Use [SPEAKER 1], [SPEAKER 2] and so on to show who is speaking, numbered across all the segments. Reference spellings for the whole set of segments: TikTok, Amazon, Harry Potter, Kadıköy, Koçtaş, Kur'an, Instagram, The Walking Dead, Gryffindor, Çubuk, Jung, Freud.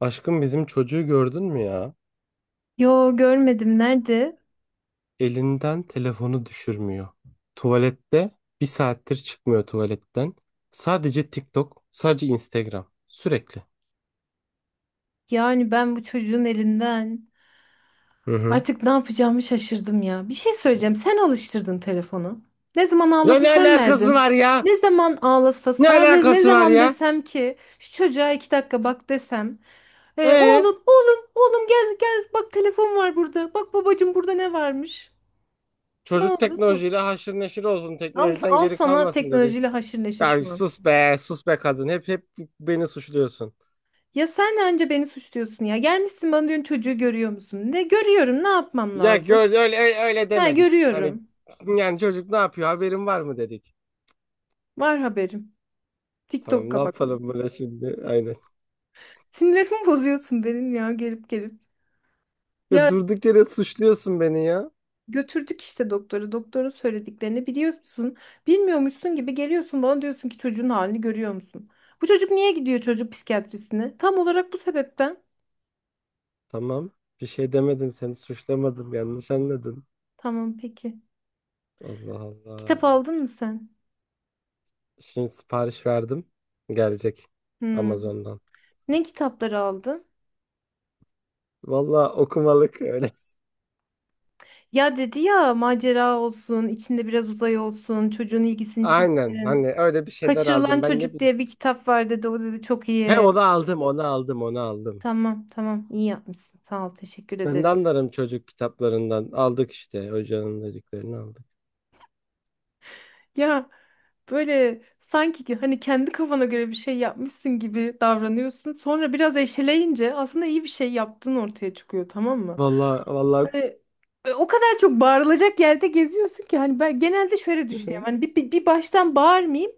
[SPEAKER 1] Aşkım bizim çocuğu gördün mü ya?
[SPEAKER 2] Yo, görmedim, nerede?
[SPEAKER 1] Elinden telefonu düşürmüyor. Tuvalette bir saattir çıkmıyor tuvaletten. Sadece TikTok, sadece Instagram. Sürekli.
[SPEAKER 2] Yani ben bu çocuğun elinden
[SPEAKER 1] Hı hı.
[SPEAKER 2] artık ne yapacağımı şaşırdım ya. Bir şey söyleyeceğim. Sen alıştırdın telefonu. Ne zaman
[SPEAKER 1] Ya
[SPEAKER 2] ağlasa
[SPEAKER 1] ne
[SPEAKER 2] sen
[SPEAKER 1] alakası
[SPEAKER 2] verdin.
[SPEAKER 1] var ya?
[SPEAKER 2] Ne zaman ağlasa
[SPEAKER 1] Ne
[SPEAKER 2] sana de, ne
[SPEAKER 1] alakası var
[SPEAKER 2] zaman
[SPEAKER 1] ya?
[SPEAKER 2] desem ki şu çocuğa 2 dakika bak desem.
[SPEAKER 1] Ee,
[SPEAKER 2] Oğlum oğlum oğlum, gel gel, bak telefon var burada. Bak babacım, burada ne varmış. Ne
[SPEAKER 1] çocuk
[SPEAKER 2] oldu?
[SPEAKER 1] teknolojiyle haşır neşir olsun,
[SPEAKER 2] Al,
[SPEAKER 1] teknolojiden
[SPEAKER 2] al
[SPEAKER 1] geri
[SPEAKER 2] sana
[SPEAKER 1] kalmasın dedi.
[SPEAKER 2] teknolojiyle haşır neşir
[SPEAKER 1] Ya
[SPEAKER 2] şu an.
[SPEAKER 1] sus be, sus be kadın. Hep beni suçluyorsun.
[SPEAKER 2] Ya sen önce beni suçluyorsun ya. Gelmişsin bana diyorsun çocuğu görüyor musun? Ne görüyorum, ne yapmam
[SPEAKER 1] Ya
[SPEAKER 2] lazım?
[SPEAKER 1] gör öyle
[SPEAKER 2] Ha,
[SPEAKER 1] demedik. Hani
[SPEAKER 2] görüyorum.
[SPEAKER 1] yani çocuk ne yapıyor? Haberin var mı dedik.
[SPEAKER 2] Var haberim.
[SPEAKER 1] Tamam ne
[SPEAKER 2] TikTok'a bakıyorum.
[SPEAKER 1] yapalım böyle şimdi? Aynen.
[SPEAKER 2] Sinirlerimi bozuyorsun benim ya, gelip gelip.
[SPEAKER 1] Ya
[SPEAKER 2] Ya
[SPEAKER 1] durduk yere suçluyorsun beni ya.
[SPEAKER 2] götürdük işte doktora. Doktorun söylediklerini biliyorsun. Bilmiyormuşsun gibi geliyorsun bana, diyorsun ki çocuğun halini görüyor musun? Bu çocuk niye gidiyor çocuk psikiyatrisine? Tam olarak bu sebepten.
[SPEAKER 1] Tamam. Bir şey demedim. Seni suçlamadım. Yanlış anladın.
[SPEAKER 2] Tamam, peki.
[SPEAKER 1] Allah
[SPEAKER 2] Kitap
[SPEAKER 1] Allah.
[SPEAKER 2] aldın mı sen?
[SPEAKER 1] Şimdi sipariş verdim. Gelecek
[SPEAKER 2] Hmm.
[SPEAKER 1] Amazon'dan.
[SPEAKER 2] Ne kitapları aldın?
[SPEAKER 1] Valla okumalık öyle.
[SPEAKER 2] Ya dedi ya, macera olsun, içinde biraz uzay olsun, çocuğun ilgisini
[SPEAKER 1] Aynen.
[SPEAKER 2] çeksin.
[SPEAKER 1] Hani öyle bir şeyler
[SPEAKER 2] Kaçırılan
[SPEAKER 1] aldım. Ben ne
[SPEAKER 2] Çocuk
[SPEAKER 1] bileyim.
[SPEAKER 2] diye bir kitap var dedi. O dedi çok
[SPEAKER 1] He
[SPEAKER 2] iyi.
[SPEAKER 1] onu aldım, onu aldım, onu aldım.
[SPEAKER 2] Tamam tamam, iyi yapmışsın. Sağ ol, teşekkür
[SPEAKER 1] Ben de
[SPEAKER 2] ederiz.
[SPEAKER 1] anlarım çocuk kitaplarından. Aldık işte. Hocanın dediklerini aldık.
[SPEAKER 2] Ya böyle sanki ki hani kendi kafana göre bir şey yapmışsın gibi davranıyorsun. Sonra biraz eşeleyince aslında iyi bir şey yaptığın ortaya çıkıyor, tamam mı?
[SPEAKER 1] Valla, valla.
[SPEAKER 2] E, O kadar çok bağırılacak yerde geziyorsun ki hani ben genelde şöyle düşünüyorum. Hani bir baştan bağırmayayım.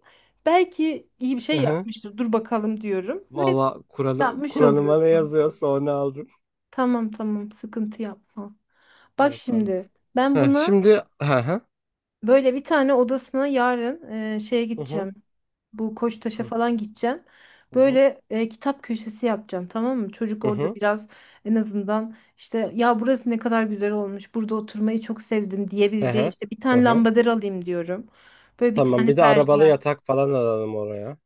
[SPEAKER 2] Belki iyi bir
[SPEAKER 1] Hı
[SPEAKER 2] şey
[SPEAKER 1] hı.
[SPEAKER 2] yapmıştır. Dur bakalım diyorum. Ve
[SPEAKER 1] Valla
[SPEAKER 2] yapmış
[SPEAKER 1] Kur'an'ıma ne
[SPEAKER 2] oluyorsun.
[SPEAKER 1] yazıyorsa onu aldım.
[SPEAKER 2] Tamam tamam, sıkıntı yapma. Bak
[SPEAKER 1] Evet, tamam.
[SPEAKER 2] şimdi, ben
[SPEAKER 1] Heh,
[SPEAKER 2] buna.
[SPEAKER 1] şimdi. Hı hı.
[SPEAKER 2] Böyle bir tane odasına yarın, şeye
[SPEAKER 1] Hı hı.
[SPEAKER 2] gideceğim. Bu Koçtaş'a
[SPEAKER 1] Hı hı.
[SPEAKER 2] falan gideceğim.
[SPEAKER 1] Hı hı.
[SPEAKER 2] Böyle, kitap köşesi yapacağım, tamam mı? Çocuk orada biraz en azından, işte ya burası ne kadar güzel olmuş, burada oturmayı çok sevdim
[SPEAKER 1] Hı
[SPEAKER 2] diyebileceği,
[SPEAKER 1] hı.
[SPEAKER 2] işte bir
[SPEAKER 1] Hı
[SPEAKER 2] tane
[SPEAKER 1] hı.
[SPEAKER 2] lambader alayım diyorum. Böyle bir
[SPEAKER 1] Tamam
[SPEAKER 2] tane
[SPEAKER 1] bir de arabalı
[SPEAKER 2] berjer.
[SPEAKER 1] yatak falan alalım oraya.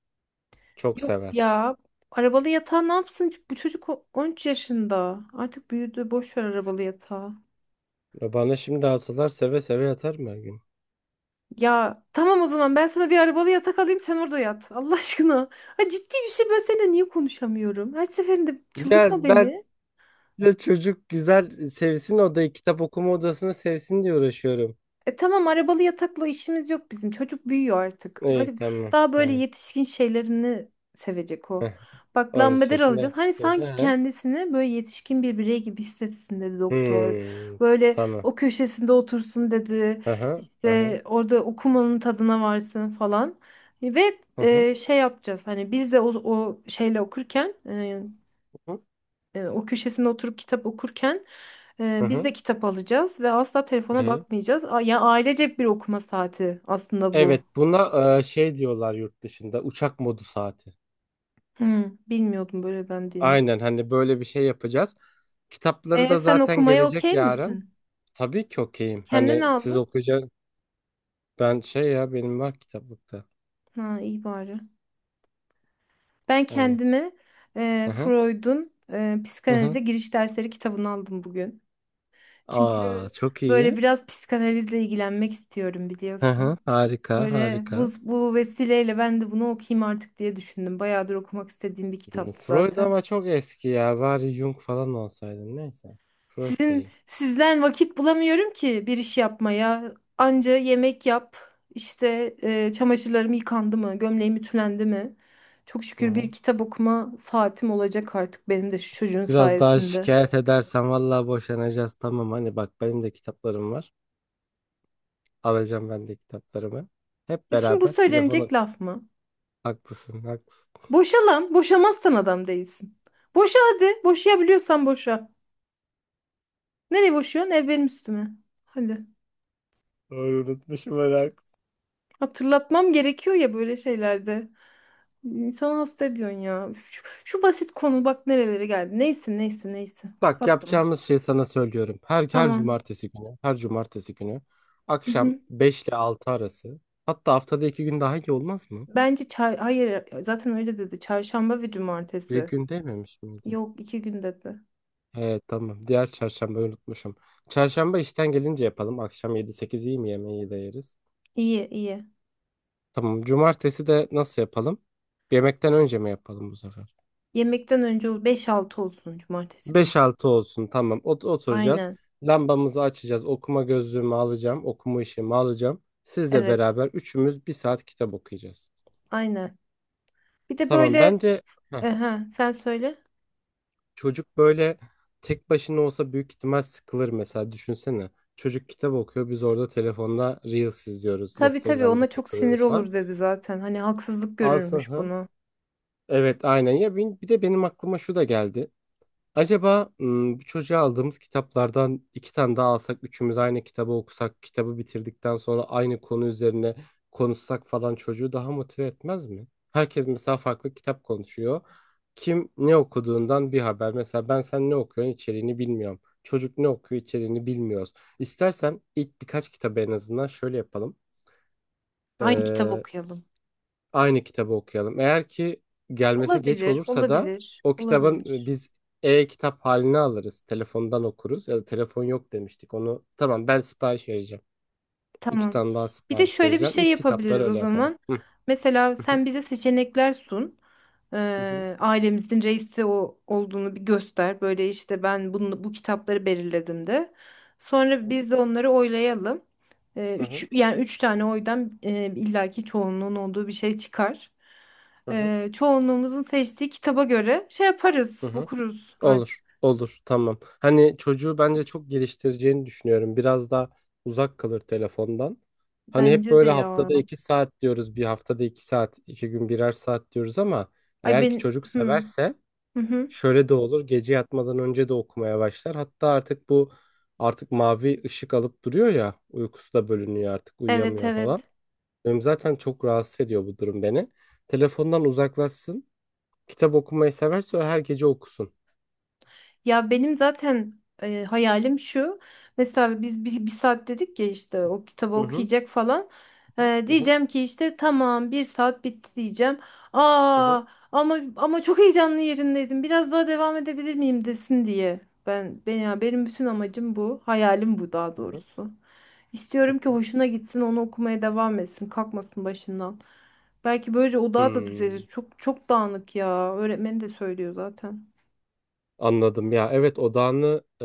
[SPEAKER 1] Çok
[SPEAKER 2] Yok
[SPEAKER 1] sever.
[SPEAKER 2] ya, arabalı yatağı ne yapsın? Bu çocuk 13 yaşında. Artık büyüdü. Boş ver arabalı yatağı.
[SPEAKER 1] Ya bana şimdi alsalar seve seve yatar mı her gün?
[SPEAKER 2] Ya tamam, o zaman ben sana bir arabalı yatak alayım, sen orada yat. Allah aşkına. Ha, ciddi bir şey, ben seninle niye konuşamıyorum? Her seferinde
[SPEAKER 1] Ya
[SPEAKER 2] çıldırtma
[SPEAKER 1] ben
[SPEAKER 2] beni.
[SPEAKER 1] de çocuk güzel sevsin odayı, kitap okuma odasını sevsin diye uğraşıyorum.
[SPEAKER 2] E tamam, arabalı yatakla işimiz yok bizim. Çocuk büyüyor artık.
[SPEAKER 1] İyi
[SPEAKER 2] Artık
[SPEAKER 1] tamam
[SPEAKER 2] daha böyle
[SPEAKER 1] tamam.
[SPEAKER 2] yetişkin şeylerini sevecek o.
[SPEAKER 1] Heh,
[SPEAKER 2] Bak,
[SPEAKER 1] 13
[SPEAKER 2] lambader
[SPEAKER 1] yaşında
[SPEAKER 2] alacağız. Hani
[SPEAKER 1] yetişkin. Hı
[SPEAKER 2] sanki
[SPEAKER 1] hı.
[SPEAKER 2] kendisini böyle yetişkin bir birey gibi hissetsin dedi doktor.
[SPEAKER 1] Hmm,
[SPEAKER 2] Böyle
[SPEAKER 1] tamam.
[SPEAKER 2] o köşesinde otursun dedi.
[SPEAKER 1] Hı hı. Hı hı.
[SPEAKER 2] İşte orada okumanın tadına varsın falan. Ve
[SPEAKER 1] Hı hı.
[SPEAKER 2] şey yapacağız. Hani biz de o şeyle okurken, o köşesine oturup kitap okurken
[SPEAKER 1] Hı
[SPEAKER 2] biz
[SPEAKER 1] hı.
[SPEAKER 2] de kitap alacağız ve asla
[SPEAKER 1] Hı
[SPEAKER 2] telefona
[SPEAKER 1] hı.
[SPEAKER 2] bakmayacağız. Ya ailecek bir okuma saati aslında bu.
[SPEAKER 1] Evet buna şey diyorlar yurt dışında uçak modu saati.
[SPEAKER 2] Bilmiyordum böyle dendiğini.
[SPEAKER 1] Aynen hani böyle bir şey yapacağız. Kitapları da
[SPEAKER 2] Sen
[SPEAKER 1] zaten
[SPEAKER 2] okumaya
[SPEAKER 1] gelecek
[SPEAKER 2] okey
[SPEAKER 1] yarın.
[SPEAKER 2] misin?
[SPEAKER 1] Tabii ki okeyim.
[SPEAKER 2] Kendin
[SPEAKER 1] Hani siz
[SPEAKER 2] aldın.
[SPEAKER 1] okuyacaksınız. Ben şey ya benim var kitaplıkta.
[SPEAKER 2] Ha, iyi bari. Ben
[SPEAKER 1] Aynen.
[SPEAKER 2] kendime
[SPEAKER 1] Hı hı.
[SPEAKER 2] Freud'un
[SPEAKER 1] Hı hı.
[SPEAKER 2] psikanalize giriş dersleri kitabını aldım bugün.
[SPEAKER 1] Aa
[SPEAKER 2] Çünkü
[SPEAKER 1] çok
[SPEAKER 2] böyle
[SPEAKER 1] iyi.
[SPEAKER 2] biraz psikanalizle ilgilenmek istiyorum,
[SPEAKER 1] Hı hı.
[SPEAKER 2] biliyorsun.
[SPEAKER 1] Harika
[SPEAKER 2] Böyle bu,
[SPEAKER 1] harika.
[SPEAKER 2] bu vesileyle ben de bunu okuyayım artık diye düşündüm. Bayağıdır okumak istediğim bir
[SPEAKER 1] Hı,
[SPEAKER 2] kitaptı
[SPEAKER 1] Freud
[SPEAKER 2] zaten.
[SPEAKER 1] ama çok eski ya. Bari Jung falan olsaydı. Neyse. Freud
[SPEAKER 2] Sizin
[SPEAKER 1] değil.
[SPEAKER 2] sizden vakit bulamıyorum ki bir iş yapmaya. Anca yemek yap, işte çamaşırlarım yıkandı mı, gömleğim ütülendi mi? Çok
[SPEAKER 1] Hı
[SPEAKER 2] şükür
[SPEAKER 1] hı.
[SPEAKER 2] bir kitap okuma saatim olacak artık benim de şu çocuğun
[SPEAKER 1] Biraz daha
[SPEAKER 2] sayesinde.
[SPEAKER 1] şikayet edersen vallahi boşanacağız. Tamam hani bak benim de kitaplarım var. Alacağım ben de kitaplarımı. Hep
[SPEAKER 2] Şimdi bu
[SPEAKER 1] beraber
[SPEAKER 2] söylenecek
[SPEAKER 1] telefonu.
[SPEAKER 2] laf mı?
[SPEAKER 1] Haklısın, haklısın.
[SPEAKER 2] Boşa lan, boşamazsan adam değilsin. Boşa hadi, boşayabiliyorsan boşa. Nereye boşuyorsun? Ev benim üstüme. Hadi.
[SPEAKER 1] Doğru unutmuşum merak.
[SPEAKER 2] Hatırlatmam gerekiyor ya böyle şeylerde. İnsanı hasta ediyorsun ya. Şu basit konu bak nerelere geldi. Neyse neyse neyse.
[SPEAKER 1] Bak
[SPEAKER 2] Kapat bunu.
[SPEAKER 1] yapacağımız şey sana söylüyorum. Her
[SPEAKER 2] Tamam.
[SPEAKER 1] cumartesi günü, her cumartesi günü
[SPEAKER 2] Hı
[SPEAKER 1] akşam
[SPEAKER 2] hı.
[SPEAKER 1] 5 ile 6 arası. Hatta haftada 2 gün daha iyi olmaz mı?
[SPEAKER 2] Bence hayır, zaten öyle dedi. Çarşamba ve
[SPEAKER 1] Bir
[SPEAKER 2] cumartesi.
[SPEAKER 1] gün dememiş miydi?
[SPEAKER 2] Yok, 2 gün dedi.
[SPEAKER 1] Evet tamam. Diğer çarşamba unutmuşum. Çarşamba işten gelince yapalım. Akşam yedi sekiz iyi mi, yemeği de yeriz.
[SPEAKER 2] İyi iyi.
[SPEAKER 1] Tamam. Cumartesi de nasıl yapalım? Yemekten önce mi yapalım bu sefer?
[SPEAKER 2] Yemekten önce 5-6 olsun cumartesi günü de.
[SPEAKER 1] 5-6 olsun tamam. Oturacağız.
[SPEAKER 2] Aynen.
[SPEAKER 1] Lambamızı açacağız. Okuma gözlüğümü alacağım. Okuma işimi alacağım. Sizle
[SPEAKER 2] Evet.
[SPEAKER 1] beraber üçümüz bir saat kitap okuyacağız.
[SPEAKER 2] Aynen. Bir de
[SPEAKER 1] Tamam
[SPEAKER 2] böyle.
[SPEAKER 1] bence heh,
[SPEAKER 2] Aha, sen söyle.
[SPEAKER 1] çocuk böyle tek başına olsa büyük ihtimal sıkılır mesela düşünsene. Çocuk kitap okuyor biz orada telefonda Reels izliyoruz.
[SPEAKER 2] Tabii tabii,
[SPEAKER 1] Instagram'da
[SPEAKER 2] ona çok sinir
[SPEAKER 1] takılıyoruz falan.
[SPEAKER 2] olur dedi zaten. Hani haksızlık
[SPEAKER 1] Alsın
[SPEAKER 2] görürmüş
[SPEAKER 1] ha.
[SPEAKER 2] bunu.
[SPEAKER 1] Evet aynen ya bir de benim aklıma şu da geldi. Acaba bu çocuğa aldığımız kitaplardan 2 tane daha alsak, üçümüz aynı kitabı okusak, kitabı bitirdikten sonra aynı konu üzerine konuşsak falan çocuğu daha motive etmez mi? Herkes mesela farklı kitap konuşuyor. Kim ne okuduğundan bir haber. Mesela ben sen ne okuyorsun içeriğini bilmiyorum. Çocuk ne okuyor içeriğini bilmiyoruz. İstersen ilk birkaç kitabı en azından şöyle yapalım.
[SPEAKER 2] Aynı kitap okuyalım.
[SPEAKER 1] Aynı kitabı okuyalım. Eğer ki gelmesi geç
[SPEAKER 2] Olabilir,
[SPEAKER 1] olursa da
[SPEAKER 2] olabilir,
[SPEAKER 1] o kitabın
[SPEAKER 2] olabilir.
[SPEAKER 1] biz e-kitap halini alırız. Telefondan okuruz ya da telefon yok demiştik. Onu tamam ben sipariş vereceğim. İki
[SPEAKER 2] Tamam.
[SPEAKER 1] tane daha
[SPEAKER 2] Bir de
[SPEAKER 1] sipariş
[SPEAKER 2] şöyle bir
[SPEAKER 1] vereceğim.
[SPEAKER 2] şey
[SPEAKER 1] İlk kitapları
[SPEAKER 2] yapabiliriz o
[SPEAKER 1] öyle yapalım.
[SPEAKER 2] zaman.
[SPEAKER 1] Hı
[SPEAKER 2] Mesela
[SPEAKER 1] hı
[SPEAKER 2] sen bize seçenekler sun.
[SPEAKER 1] hı
[SPEAKER 2] Ailemizin reisi o olduğunu bir göster. Böyle işte, ben bunu, bu kitapları belirledim de. Sonra biz de onları oylayalım.
[SPEAKER 1] hı hı
[SPEAKER 2] Üç, yani üç tane oydan illaki çoğunluğun olduğu bir şey çıkar.
[SPEAKER 1] hı hı
[SPEAKER 2] Çoğunluğumuzun seçtiği kitaba göre şey
[SPEAKER 1] hı.
[SPEAKER 2] yaparız,
[SPEAKER 1] Hı.
[SPEAKER 2] okuruz artık.
[SPEAKER 1] Olur, olur, tamam. Hani çocuğu bence çok geliştireceğini düşünüyorum. Biraz daha uzak kalır telefondan. Hani hep
[SPEAKER 2] Bence de
[SPEAKER 1] böyle
[SPEAKER 2] ya.
[SPEAKER 1] haftada 2 saat diyoruz, bir haftada 2 saat, 2 gün birer saat diyoruz ama
[SPEAKER 2] Ay
[SPEAKER 1] eğer ki
[SPEAKER 2] ben.
[SPEAKER 1] çocuk
[SPEAKER 2] Hı,
[SPEAKER 1] severse
[SPEAKER 2] hı hı.
[SPEAKER 1] şöyle de olur. Gece yatmadan önce de okumaya başlar. Hatta artık bu artık mavi ışık alıp duruyor ya, uykusu da bölünüyor artık,
[SPEAKER 2] Evet
[SPEAKER 1] uyuyamıyor falan.
[SPEAKER 2] evet.
[SPEAKER 1] Benim zaten çok rahatsız ediyor bu durum beni. Telefondan uzaklaşsın. Kitap okumayı severse o her gece okusun.
[SPEAKER 2] Ya benim zaten hayalim şu. Mesela biz bir saat dedik ya işte, o kitabı
[SPEAKER 1] Hı hı.
[SPEAKER 2] okuyacak falan.
[SPEAKER 1] Hı hı.
[SPEAKER 2] Diyeceğim ki işte tamam 1 saat bitti diyeceğim.
[SPEAKER 1] Aha,
[SPEAKER 2] Aa, ama çok heyecanlı yerindeydim. Biraz daha devam edebilir miyim desin diye. Ben ya, benim bütün amacım bu. Hayalim bu daha
[SPEAKER 1] aha,
[SPEAKER 2] doğrusu. İstiyorum ki
[SPEAKER 1] aha.
[SPEAKER 2] hoşuna gitsin, onu okumaya devam etsin, kalkmasın başından. Belki böylece odağı da düzelir.
[SPEAKER 1] Hmm,
[SPEAKER 2] Çok çok dağınık ya. Öğretmen de söylüyor zaten.
[SPEAKER 1] anladım ya. Evet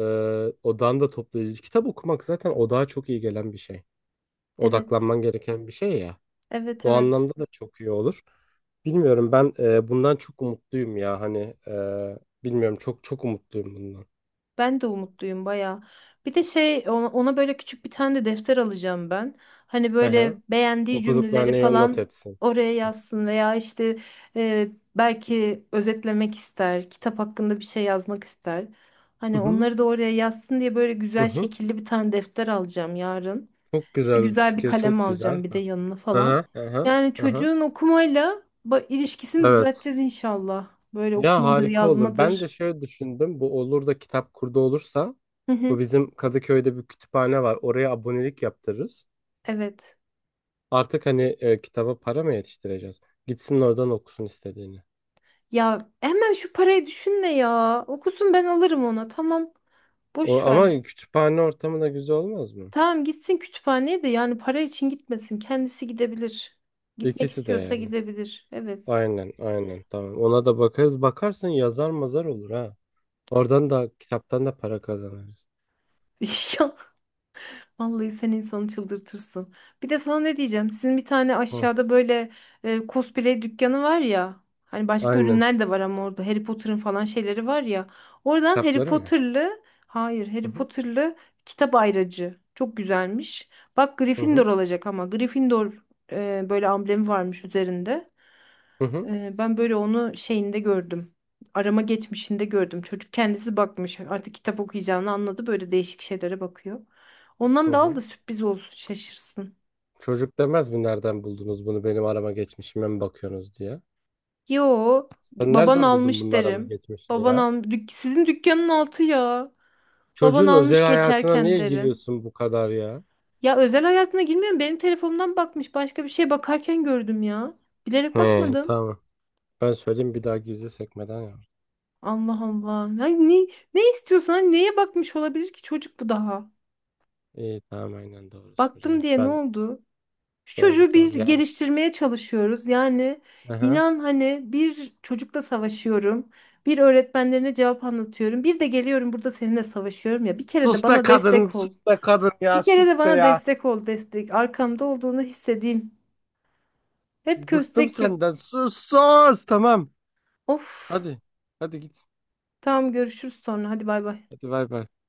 [SPEAKER 1] odağını da toplayıcı. Kitap okumak zaten odağa çok iyi gelen bir şey.
[SPEAKER 2] Evet,
[SPEAKER 1] Odaklanman gereken bir şey ya.
[SPEAKER 2] evet,
[SPEAKER 1] O
[SPEAKER 2] evet.
[SPEAKER 1] anlamda da çok iyi olur. Bilmiyorum ben bundan çok umutluyum ya hani bilmiyorum çok çok umutluyum bundan.
[SPEAKER 2] Ben de umutluyum bayağı. Bir de şey ona böyle küçük bir tane de defter alacağım ben. Hani
[SPEAKER 1] Hı
[SPEAKER 2] böyle
[SPEAKER 1] hı.
[SPEAKER 2] beğendiği cümleleri
[SPEAKER 1] Okuduklarını not
[SPEAKER 2] falan
[SPEAKER 1] etsin.
[SPEAKER 2] oraya yazsın veya işte e, belki özetlemek ister, kitap hakkında bir şey yazmak ister.
[SPEAKER 1] Hı
[SPEAKER 2] Hani
[SPEAKER 1] hı.
[SPEAKER 2] onları da oraya yazsın diye böyle
[SPEAKER 1] Hı
[SPEAKER 2] güzel
[SPEAKER 1] hı.
[SPEAKER 2] şekilli bir tane defter alacağım yarın.
[SPEAKER 1] Çok
[SPEAKER 2] İşte
[SPEAKER 1] güzel bir
[SPEAKER 2] güzel bir
[SPEAKER 1] fikir
[SPEAKER 2] kalem
[SPEAKER 1] çok güzel.
[SPEAKER 2] alacağım bir de yanına
[SPEAKER 1] Hı
[SPEAKER 2] falan.
[SPEAKER 1] hı. Hı hı.
[SPEAKER 2] Yani
[SPEAKER 1] Hı hı.
[SPEAKER 2] çocuğun okumayla ilişkisini
[SPEAKER 1] Evet.
[SPEAKER 2] düzelteceğiz inşallah. Böyle
[SPEAKER 1] Ya
[SPEAKER 2] okumadır,
[SPEAKER 1] harika olur. Ben de
[SPEAKER 2] yazmadır.
[SPEAKER 1] şöyle düşündüm. Bu olur da kitap kurdu olursa
[SPEAKER 2] Hı
[SPEAKER 1] bu
[SPEAKER 2] hı.
[SPEAKER 1] bizim Kadıköy'de bir kütüphane var. Oraya abonelik yaptırırız.
[SPEAKER 2] Evet.
[SPEAKER 1] Artık hani kitaba para mı yetiştireceğiz? Gitsin oradan okusun istediğini.
[SPEAKER 2] Ya hemen şu parayı düşünme ya. Okusun, ben alırım ona. Tamam.
[SPEAKER 1] O
[SPEAKER 2] Boş ver.
[SPEAKER 1] ama kütüphane ortamı da güzel olmaz mı?
[SPEAKER 2] Tamam, gitsin kütüphaneye de, yani para için gitmesin. Kendisi gidebilir. Gitmek
[SPEAKER 1] İkisi de
[SPEAKER 2] istiyorsa
[SPEAKER 1] yani.
[SPEAKER 2] gidebilir. Evet.
[SPEAKER 1] Aynen, aynen. Tamam. Ona da bakarız. Bakarsın yazar mazar olur ha. Oradan da kitaptan da para kazanırız.
[SPEAKER 2] Ya, vallahi sen insanı çıldırtırsın. Bir de sana ne diyeceğim? Sizin bir tane
[SPEAKER 1] Hı,
[SPEAKER 2] aşağıda böyle cosplay dükkanı var ya. Hani başka
[SPEAKER 1] aynen.
[SPEAKER 2] ürünler de var ama orada Harry Potter'ın falan şeyleri var ya. Oradan Harry
[SPEAKER 1] Kitapları mı?
[SPEAKER 2] Potter'lı, hayır
[SPEAKER 1] Hı
[SPEAKER 2] Harry
[SPEAKER 1] hı.
[SPEAKER 2] Potter'lı kitap ayracı. Çok güzelmiş. Bak
[SPEAKER 1] Hı
[SPEAKER 2] Gryffindor
[SPEAKER 1] hı.
[SPEAKER 2] olacak ama Gryffindor böyle amblemi varmış üzerinde.
[SPEAKER 1] Hı hı.
[SPEAKER 2] Ben böyle onu şeyinde gördüm. Arama geçmişinde gördüm. Çocuk kendisi bakmış. Artık kitap okuyacağını anladı. Böyle değişik şeylere bakıyor.
[SPEAKER 1] Hı
[SPEAKER 2] Ondan da al da
[SPEAKER 1] hı.
[SPEAKER 2] sürpriz olsun, şaşırsın.
[SPEAKER 1] Çocuk demez mi nereden buldunuz bunu benim arama geçmişime mi bakıyorsunuz diye.
[SPEAKER 2] Yo,
[SPEAKER 1] Sen
[SPEAKER 2] baban
[SPEAKER 1] nereden buldun
[SPEAKER 2] almış
[SPEAKER 1] bunun arama
[SPEAKER 2] derim.
[SPEAKER 1] geçmişini
[SPEAKER 2] Baban
[SPEAKER 1] ya?
[SPEAKER 2] al, sizin dükkanın altı ya. Baban
[SPEAKER 1] Çocuğun özel
[SPEAKER 2] almış
[SPEAKER 1] hayatına
[SPEAKER 2] geçerken
[SPEAKER 1] niye
[SPEAKER 2] derim.
[SPEAKER 1] giriyorsun bu kadar ya?
[SPEAKER 2] Ya özel hayatına girmiyorum. Benim telefonumdan bakmış. Başka bir şey bakarken gördüm ya. Bilerek
[SPEAKER 1] He
[SPEAKER 2] bakmadım.
[SPEAKER 1] tamam. Ben söyleyeyim bir daha gizli sekmeden yap.
[SPEAKER 2] Allah Allah. Ya ne istiyorsan neye bakmış olabilir ki çocuk bu daha?
[SPEAKER 1] İyi tamam aynen doğru
[SPEAKER 2] Baktım
[SPEAKER 1] söylüyorsun.
[SPEAKER 2] diye ne
[SPEAKER 1] Ben
[SPEAKER 2] oldu? Şu
[SPEAKER 1] doğru
[SPEAKER 2] çocuğu bir
[SPEAKER 1] doğru ya.
[SPEAKER 2] geliştirmeye çalışıyoruz. Yani
[SPEAKER 1] Aha.
[SPEAKER 2] inan hani bir çocukla savaşıyorum. Bir öğretmenlerine cevap anlatıyorum. Bir de geliyorum burada seninle savaşıyorum ya. Bir kere
[SPEAKER 1] Sus
[SPEAKER 2] de
[SPEAKER 1] be
[SPEAKER 2] bana
[SPEAKER 1] kadın
[SPEAKER 2] destek
[SPEAKER 1] sus
[SPEAKER 2] ol.
[SPEAKER 1] be kadın ya
[SPEAKER 2] Bir kere
[SPEAKER 1] sus
[SPEAKER 2] de
[SPEAKER 1] be
[SPEAKER 2] bana
[SPEAKER 1] ya.
[SPEAKER 2] destek ol destek. Arkamda olduğunu hissedeyim. Hep
[SPEAKER 1] Bıktım
[SPEAKER 2] köstek.
[SPEAKER 1] senden sus sus tamam.
[SPEAKER 2] Of.
[SPEAKER 1] Hadi hadi git.
[SPEAKER 2] Tamam, görüşürüz sonra. Hadi bay bay.
[SPEAKER 1] Hadi bay bay.